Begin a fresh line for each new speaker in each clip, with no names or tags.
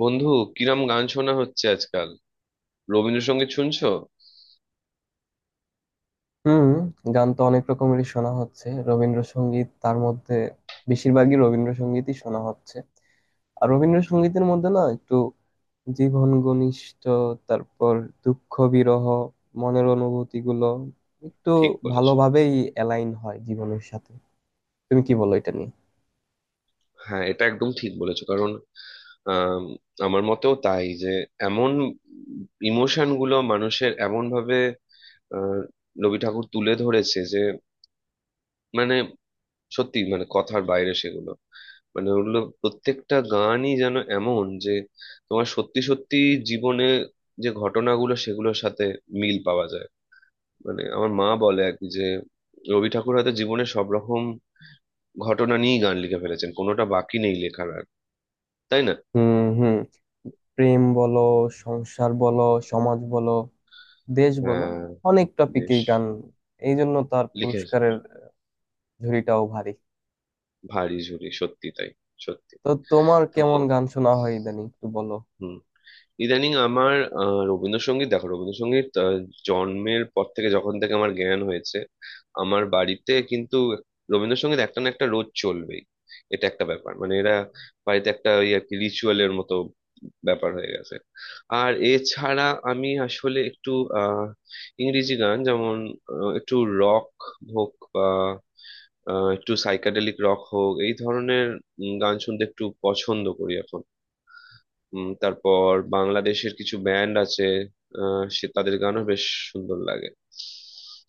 বন্ধু, কিরম গান শোনা হচ্ছে আজকাল? রবীন্দ্রসঙ্গীত শুনছো?
হুম। গান তো অনেক রকমেরই শোনা হচ্ছে, রবীন্দ্রসঙ্গীত তার মধ্যে বেশিরভাগই। রবীন্দ্রসঙ্গীতই শোনা হচ্ছে। আর রবীন্দ্রসঙ্গীতের মধ্যে না, একটু জীবন ঘনিষ্ঠ, তারপর দুঃখ বিরহ, মনের অনুভূতি গুলো একটু
ঠিক বলেছো।
ভালোভাবেই অ্যালাইন হয় জীবনের সাথে। তুমি কি বলো এটা নিয়ে?
হ্যাঁ, এটা একদম ঠিক বলেছো, কারণ আম, আমার মতেও তাই যে এমন ইমোশন গুলো মানুষের এমন ভাবে আহ, রবি ঠাকুর তুলে ধরেছে যে মানে সত্যি, মানে কথার বাইরে সেগুলো, মানে ওগুলো প্রত্যেকটা গানই যেন এমন যে তোমার সত্যি সত্যি জীবনে যে ঘটনাগুলো সেগুলোর সাথে মিল পাওয়া যায়। মানে আমার মা বলে আর কি যে রবি ঠাকুর হয়তো জীবনে সব রকম ঘটনা নিয়েই গান লিখে ফেলেছেন, কোনোটা বাকি নেই লেখার আর, তাই না?
হুম, হুম। প্রেম বলো, সংসার বলো, সমাজ বলো, দেশ বলো,
হ্যাঁ,
অনেক
বেশ
টপিকেই গান। এই জন্য তার
লিখে।
পুরস্কারের ঝুড়িটাও ভারী।
ভারী ঝুরি, সত্যি তাই। সত্যি।
তো তোমার
তো
কেমন গান শোনা হয় ইদানিং, একটু বলো।
হুম, ইদানিং আমার রবীন্দ্রসঙ্গীত, দেখো, রবীন্দ্রসঙ্গীত জন্মের পর থেকে যখন থেকে আমার জ্ঞান হয়েছে, আমার বাড়িতে কিন্তু রবীন্দ্রসঙ্গীত একটা না একটা রোজ চলবেই। এটা একটা ব্যাপার, মানে এরা বাড়িতে একটা ওই আর কি রিচুয়ালের মতো ব্যাপার হয়ে গেছে। আর এছাড়া আমি আসলে একটু আহ ইংরেজি গান, যেমন একটু রক হোক বা একটু সাইকাডেলিক রক হোক, এই ধরনের গান শুনতে একটু পছন্দ করি এখন। তারপর বাংলাদেশের কিছু ব্যান্ড আছে, সে তাদের গানও বেশ সুন্দর লাগে।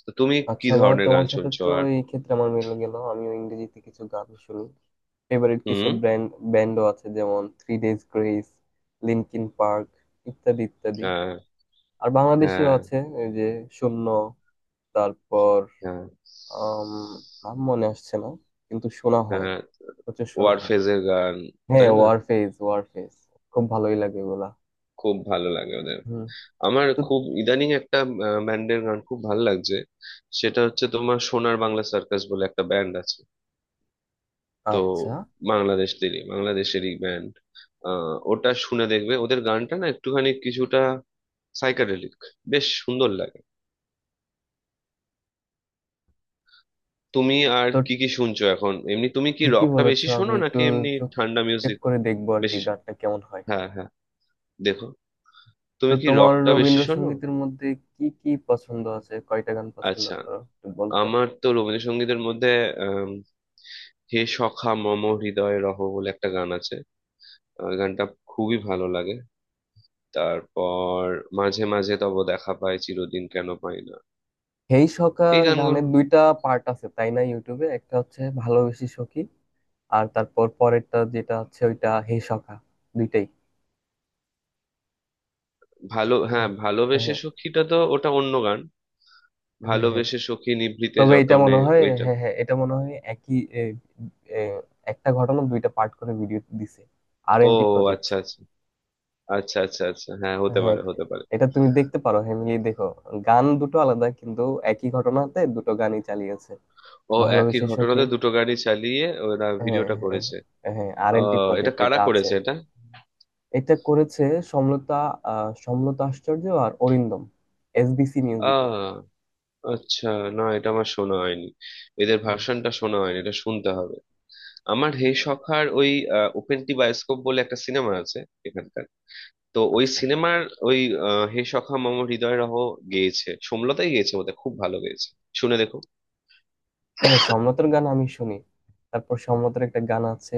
তো তুমি কি
আচ্ছা, বা
ধরনের
তোমার
গান
সাথে
শুনছো
তো
আর?
এই ক্ষেত্রে আমার মিলে গেল। আমিও ইংরেজিতে কিছু গান শুনি। ফেভারিট কিছু
হুম।
ব্র্যান্ড, ব্যান্ডও আছে, যেমন Three Days Grace, Linkin Park, ইত্যাদি ইত্যাদি।
হ্যাঁ।
আর বাংলাদেশিও
হ্যাঁ।
আছে, এই যে শূন্য, তারপর
হ্যাঁ।
আম, নাম মনে আসছে না, কিন্তু শোনা হয়,
হ্যাঁ,
প্রচুর শোনা হয়।
ওয়ারফেজের গান,
হ্যাঁ,
তাই না?
ওয়ারফেজ, ওয়ারফেজ, খুব ভালোই লাগে এগুলা।
খুব ভালো লাগে ওদের।
হুম।
আমার
তো
খুব ইদানিং একটা ব্যান্ডের গান খুব ভালো লাগছে, সেটা হচ্ছে তোমার সোনার বাংলা সার্কাস বলে একটা ব্যান্ড আছে, তো
আচ্ছা,
বাংলাদেশ থেকে, বাংলাদেশেরই ব্যান্ড। ওটা শুনে দেখবে, ওদের গানটা না একটুখানি কিছুটা সাইকাডেলিক, বেশ সুন্দর লাগে। তুমি আর
তো
কি কি শুনছো এখন এমনি? তুমি কি
ঠিকই
রকটা
বলেছো।
বেশি
আমি
শোনো
একটু
নাকি এমনি
চোখ,
ঠান্ডা
চেক
মিউজিক?
করে দেখবো আর কি
বেশি শো-
গানটা কেমন হয়।
হ্যাঁ, হ্যাঁ। দেখো,
তো
তুমি কি
তোমার
রকটা বেশি শোনো?
রবীন্দ্রসঙ্গীতের মধ্যে কি কি পছন্দ আছে, কয়টা গান পছন্দ
আচ্ছা,
করো, একটু বলতো।
আমার তো রবীন্দ্রসঙ্গীতের মধ্যে আম, হে সখা মম হৃদয়ে রহ বলে একটা গান আছে, গানটা খুবই ভালো লাগে। তারপর মাঝে মাঝে তব দেখা পায় চিরদিন কেন পাই না,
হেই সখা
এই গানগুলো
গানের দুইটা পার্ট আছে, তাই না? ইউটিউবে একটা হচ্ছে ভালোবেসে সখী, আর তারপর পরেরটা যেটা হচ্ছে ওইটা হেই সখা, দুইটাই।
ভালো। হ্যাঁ,
হ্যাঁ,
ভালোবেসে
হ্যাঁ।
সখীটা তো ওটা অন্য গান।
হ্যাঁ, হ্যাঁ।
ভালোবেসে সখী নিভৃতে
তবে এটা
যতনে
মনে হয়,
ওইটা।
হ্যাঁ হ্যাঁ, এটা মনে হয় একই, এ, এ, একটা ঘটনা দুইটা পার্ট করে ভিডিও দিছে আর এন
ও,
টি প্রজেক্ট।
আচ্ছা আচ্ছা। আচ্ছা আচ্ছা আচ্ছা, হ্যাঁ, হতে
হ্যাঁ,
পারে হতে পারে।
এটা তুমি দেখতে পারো, হ্যামিলি দেখো। গান দুটো আলাদা, কিন্তু একই ঘটনাতে দুটো গানই চালিয়েছে।
ও, একই
ভালোবেসে সখী,
ঘটনাতে দুটো গাড়ি চালিয়ে ওরা
হ্যাঁ
ভিডিওটা করেছে।
হ্যাঁ, হ্যাঁ। আর এন টি
আহ, এটা
প্রজেক্ট,
কারা
এটা আছে।
করেছে এটা?
এটা করেছে সমলতা। সমলতা আশ্চর্য আর অরিন্দম, এসবিসি মিউজিকে।
আহ, আচ্ছা, না, এটা আমার শোনা হয়নি, এদের
হুম।
ভার্সনটা শোনা হয়নি, এটা শুনতে হবে। আমার হে সখার ওই ওপেন টি বায়োস্কোপ বলে একটা সিনেমা আছে এখানকার, তো ওই
আচ্ছা।
সিনেমার ওই হে সখা মম হৃদয় রহ গেয়েছে, সোমলতাই গেয়েছে বোধহয়, খুব ভালো গেয়েছে, শুনে দেখো।
হ্যাঁ, সমলতার গান আমি শুনি। তারপর সমলতার একটা গান আছে,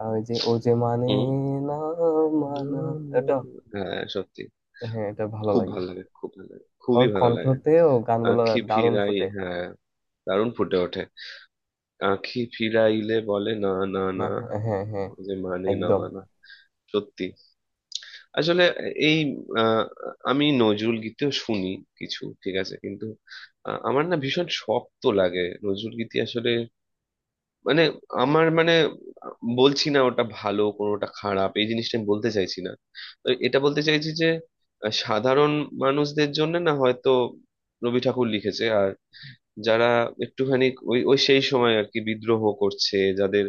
ওই যে, ও যে মানে
হুম।
না,
না,
মানা,
না,
এটা।
না। হ্যাঁ, সত্যি।
হ্যাঁ, এটা ভালো
খুব
লাগে।
ভালো লাগে, খুব ভালো লাগে,
ওর
খুবই ভালো লাগে।
কণ্ঠতে ও গানগুলো
আঁখি
দারুণ
ফিরাই,
ফুটে।
হ্যাঁ, দারুণ ফুটে ওঠে। আঁখি ফিরাইলে বলে না না
না,
না,
হ্যাঁ হ্যাঁ,
ওই যে মানে না
একদম।
মানা। সত্যি। আসলে এই আহ, আমি নজরুল গীতিও শুনি, কিছু ঠিক আছে, কিন্তু আমার না ভীষণ শক্ত লাগে নজরুল গীতি আসলে, মানে আমার, মানে বলছি না ওটা ভালো কোনোটা খারাপ, এই জিনিসটা আমি বলতে চাইছি না। তো এটা বলতে চাইছি যে সাধারণ মানুষদের জন্য না হয়তো রবি ঠাকুর লিখেছে, আর যারা একটুখানি ওই ওই সেই সময় আর কি বিদ্রোহ করছে, যাদের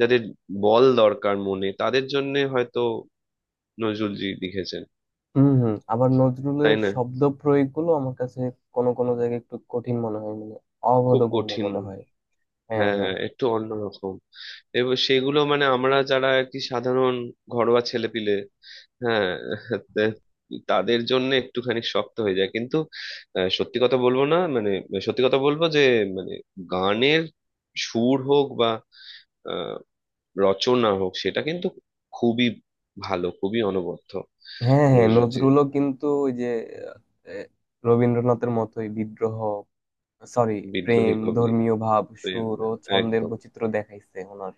যাদের বল দরকার মনে, তাদের জন্য হয়তো নজরুলজি লিখেছেন,
হুম হুম। আবার
তাই
নজরুলের
না?
শব্দ প্রয়োগগুলো আমার কাছে কোনো কোনো জায়গায় একটু কঠিন মনে হয়, মানে
খুব
অবোধগম্য
কঠিন।
মনে হয়। হ্যাঁ
হ্যাঁ
হ্যাঁ।
হ্যাঁ, একটু অন্যরকম। এবং সেগুলো মানে আমরা যারা আর কি সাধারণ ঘরোয়া ছেলেপিলে, হ্যাঁ, তে- তাদের জন্য একটুখানি শক্ত হয়ে যায়, কিন্তু সত্যি কথা বলবো না, মানে সত্যি কথা বলবো যে মানে গানের সুর হোক বা আহ, রচনা হোক, সেটা কিন্তু খুবই ভালো, খুবই অনবদ্য।
হ্যাঁ হ্যাঁ,
নজরুল যে
নজরুলও কিন্তু ওই যে, আহ, রবীন্দ্রনাথের মতোই বিদ্রোহ, সরি, প্রেম,
বিদ্রোহী কবি
ধর্মীয় ভাব,
এর
সুর ও ছন্দের
একদম
বৈচিত্র্য দেখাইছে ওনার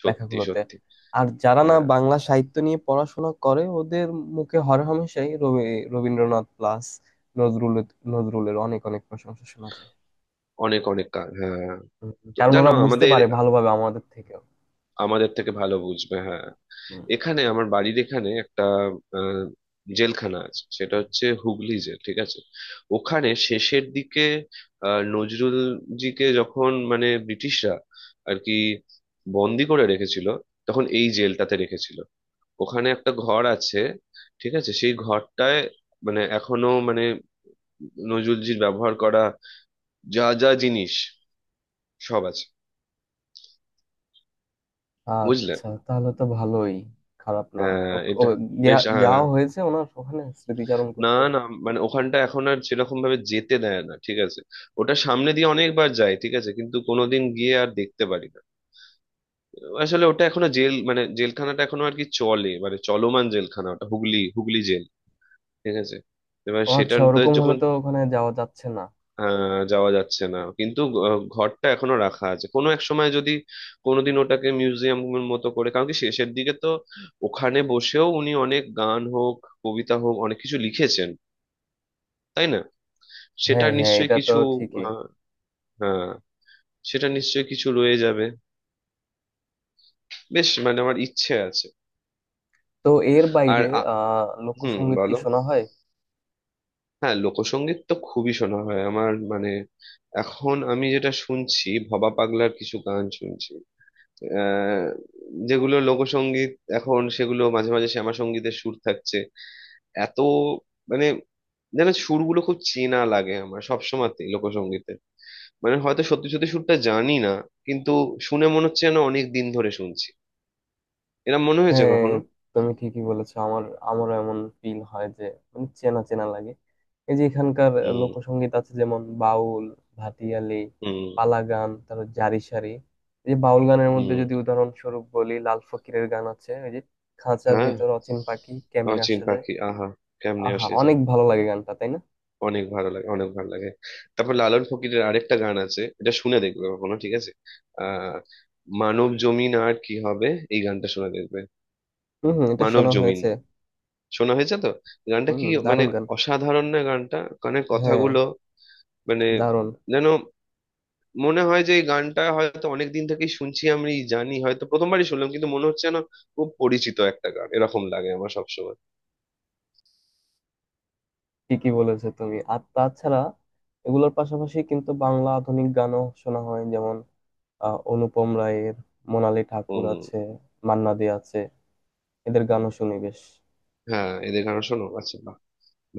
সত্যি
লেখাগুলোতে।
সত্যি।
আর যারা না
হ্যাঁ,
বাংলা সাহিত্য নিয়ে পড়াশোনা করে, ওদের মুখে হরহামেশাই রবীন্দ্রনাথ প্লাস নজরুল, নজরুলের অনেক অনেক প্রশংসা শোনা যায়।
অনেক অনেক গান, হ্যাঁ হ্যাঁ।
হুম।
তো
কারণ
জানো
ওরা বুঝতে
আমাদের,
পারে ভালোভাবে আমাদের থেকেও।
আমাদের থেকে ভালো বুঝবে, হ্যাঁ।
হুম।
এখানে আমার বাড়ির এখানে একটা আহ, জেলখানা আছে, সেটা হচ্ছে হুগলি জেল, ঠিক আছে? ওখানে শেষের দিকে নজরুল জিকে যখন মানে ব্রিটিশরা আর কি বন্দি করে রেখেছিল, তখন এই জেলটাতে রেখেছিল। ওখানে একটা ঘর আছে, ঠিক আছে? সেই ঘরটায়, মানে এখনো মানে নজরুলজির ব্যবহার করা যা যা জিনিস সব আছে, বুঝলে?
আচ্ছা, তাহলে তো ভালোই, খারাপ না। ও,
হ্যাঁ,
ও,
এটা বেশ, হ্যাঁ।
যাওয়া হয়েছে ওনার ওখানে স্মৃতিচারণ
না,
করতে?
না, মানে ওখানটা এখন আর সেরকম ভাবে যেতে দেয় না, ঠিক আছে? ওটা সামনে দিয়ে অনেকবার যায়, ঠিক আছে, কিন্তু কোনোদিন গিয়ে আর দেখতে পারি না। আসলে ওটা এখনো জেল, মানে জেলখানাটা এখনো আর কি চলে, মানে চলমান জেলখানা ওটা, হুগলি হুগলি জেল, ঠিক আছে? এবার
ও আচ্ছা,
সেটাতে
ওরকম হলে
যখন
তো ওখানে যাওয়া যাচ্ছে না।
যাওয়া যাচ্ছে না, কিন্তু ঘরটা এখনো রাখা আছে, কোনো এক সময় যদি কোনোদিন ওটাকে মিউজিয়ামের মতো করে, কারণ কি শেষের দিকে তো ওখানে বসেও উনি অনেক গান হোক, কবিতা হোক, অনেক কিছু লিখেছেন, তাই না?
হ্যাঁ
সেটার
হ্যাঁ,
নিশ্চয়ই
এটা তো
কিছু,
ঠিকই।
হ্যাঁ, সেটা নিশ্চয়ই কিছু রয়ে যাবে, বেশ, মানে আমার ইচ্ছে আছে।
তো এর
আর
বাইরে
আ- হুম,
লোকসঙ্গীত কি
বলো।
শোনা হয়?
হ্যাঁ, লোকসঙ্গীত তো খুবই শোনা হয় আমার, মানে এখন আমি যেটা শুনছি ভবা পাগলার কিছু গান শুনছি, আহ যেগুলো লোকসঙ্গীত, এখন সেগুলো মাঝে মাঝে শ্যামাসঙ্গীতের সুর থাকছে এত, মানে যেন সুরগুলো খুব চেনা লাগে আমার সব সময়তেই লোকসঙ্গীতে। মানে হয়তো সত্যি সত্যি সুরটা জানি না, কিন্তু শুনে মনে হচ্ছে যেন অনেক দিন ধরে শুনছি, এরম মনে হয়েছে
হ্যাঁ,
কখনো?
তুমি ঠিকই বলেছো। আমার, আমারও এমন ফিল হয় যে, মানে চেনা চেনা লাগে। এই যে এখানকার
হুম।
লোকসঙ্গীত আছে, যেমন বাউল, ভাটিয়ালি,
হুম।
পালা গান, তারপর জারি সারি। এই যে বাউল গানের মধ্যে
হুম।
যদি উদাহরণস্বরূপ বলি, লাল ফকিরের গান আছে, ওই যে খাঁচার
হ্যাঁ,
ভিতর অচিন পাখি
আর
কেমনে
চিন
আসা যায়।
পাখি, আহা, কেমনে
আহা,
আসে
অনেক
যায়।
ভালো লাগে গানটা, তাই না?
অনেক ভালো লাগে, অনেক ভালো লাগে। তারপর লালন ফকিরের আরেকটা গান আছে, এটা শুনে দেখবে কখনো, ঠিক আছে? আহ মানব জমিন আর কি হবে, এই গানটা শুনে দেখবে।
হম হম, এটা
মানব
শোনা
জমিন
হয়েছে।
শোনা হয়েছে তো? গানটা
হম,
কি, মানে
দারুণ গান।
অসাধারণ না গানটা, মানে
হ্যাঁ,
কথাগুলো, মানে
দারুণ।
যেন মনে হয় যে এই গানটা হয়তো অনেক দিন থেকেই শুনছি আমি, জানি হয়তো প্রথমবারই শুনলাম, কিন্তু মনে হচ্ছে না, খুব পরিচিত একটা গান, এরকম লাগে আমার সবসময়।
ঠিকই বলেছো তুমি। আর তাছাড়া এগুলোর পাশাপাশি কিন্তু বাংলা আধুনিক গানও শোনা হয়। অনুপম রায়ের, মোনালি ঠাকুর
হম।
আছে, মান্না দে আছে, এদের গানও শুনি বেশ।
হ্যাঁ, এদের গান শোনো, আচ্ছা, বাহ,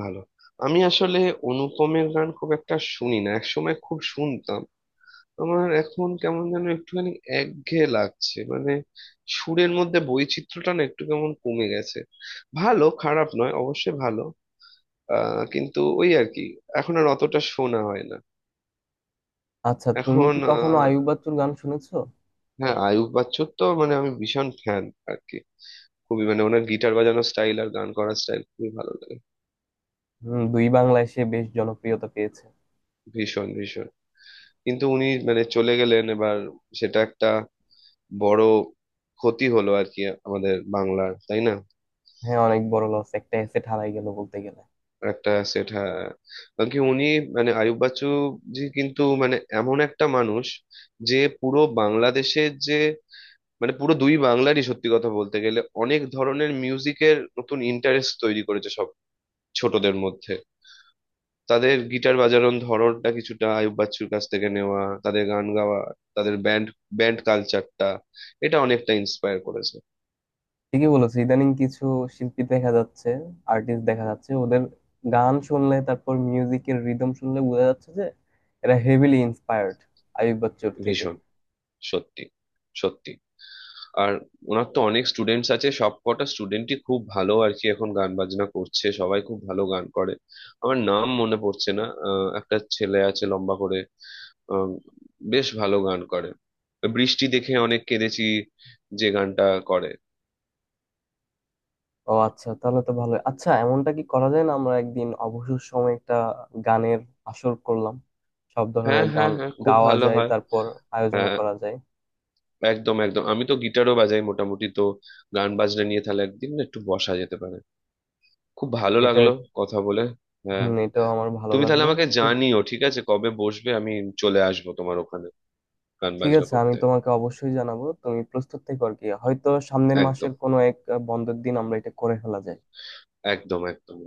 ভালো। আমি আসলে অনুপমের গান খুব একটা শুনি না, একসময় খুব শুনতাম, আমার এখন কেমন যেন একটুখানি একঘেয়ে লাগছে, মানে সুরের মধ্যে বৈচিত্র্যটা না একটু কেমন কমে গেছে, ভালো খারাপ নয় অবশ্যই ভালো, আহ, কিন্তু ওই আর কি এখন আর অতটা শোনা হয় না।
আচ্ছা, তুমি
এখন
কি কখনো
আহ,
আইয়ুব বাচ্চুর গান শুনেছো?
হ্যাঁ, আয়ুব বাচ্চুর তো মানে আমি ভীষণ ফ্যান আর কি, খুবই, মানে ওনার গিটার বাজানোর স্টাইল আর গান করার স্টাইল খুবই ভালো লাগে।
হম, দুই বাংলায় সে বেশ জনপ্রিয়তা পেয়েছে।
ভীষণ ভীষণ, কিন্তু উনি মানে চলে গেলেন এবার, সেটা একটা বড় ক্ষতি হলো আর কি আমাদের বাংলার, তাই না?
হ্যাঁ, অনেক বড় লস, একটা এসেট হারাই গেল বলতে গেলে।
একটা সেটা, কারণ কি উনি মানে আয়ুব বাচ্চু জি কিন্তু মানে এমন একটা মানুষ যে পুরো বাংলাদেশের, যে মানে পুরো দুই বাংলারই সত্যি কথা বলতে গেলে অনেক ধরনের মিউজিকের নতুন ইন্টারেস্ট তৈরি করেছে সব ছোটদের মধ্যে। তাদের গিটার বাজানোর ধরনটা কিছুটা আয়ুব বাচ্চুর কাছ থেকে নেওয়া, তাদের গান গাওয়া, তাদের ব্যান্ড, কালচারটা, এটা অনেকটা ইন্সপায়ার করেছে।
ঠিকই বলেছো। ইদানিং কিছু শিল্পী দেখা যাচ্ছে, আর্টিস্ট দেখা যাচ্ছে, ওদের গান শুনলে, তারপর মিউজিকের রিদম শুনলে বোঝা যাচ্ছে যে এরা হেভিলি ইন্সপায়ার্ড আইয়ুব বাচ্চুর থেকে।
ভীষণ, সত্যি সত্যি। আর ওনার তো অনেক স্টুডেন্টস আছে, সব কটা স্টুডেন্টই খুব ভালো আর কি, এখন গান বাজনা করছে সবাই, খুব ভালো গান করে। আমার নাম মনে পড়ছে না, একটা ছেলে আছে লম্বা করে, আহ, বেশ ভালো গান করে, বৃষ্টি দেখে অনেক কেঁদেছি যে গানটা, করে।
ও আচ্ছা, তাহলে তো ভালো। আচ্ছা, এমনটা কি করা যায় না, আমরা একদিন অবসর সময় একটা গানের আসর করলাম, সব ধরনের
হ্যাঁ
গান
হ্যাঁ হ্যাঁ, খুব
গাওয়া
ভালো
যায়,
হয়।
তারপর আয়োজন
হ্যাঁ,
করা যায়
একদম একদম, আমি তো গিটারও বাজাই মোটামুটি, তো গান বাজনা নিয়ে তাহলে একদিন না একটু বসা যেতে পারে, খুব ভালো
এটা।
লাগলো কথা বলে। হ্যাঁ,
হম, এটাও আমার ভালো
তুমি তাহলে
লাগলো।
আমাকে
ঠিক,
জানিও, ঠিক আছে, কবে বসবে, আমি চলে আসবো তোমার ওখানে গান
ঠিক
বাজনা
আছে, আমি
করতে।
তোমাকে অবশ্যই জানাবো। তুমি প্রস্তুত থেকো আর কি, হয়তো সামনের মাসের
একদম
কোনো এক বন্ধের দিন আমরা এটা করে ফেলা যায়।
একদম একদম।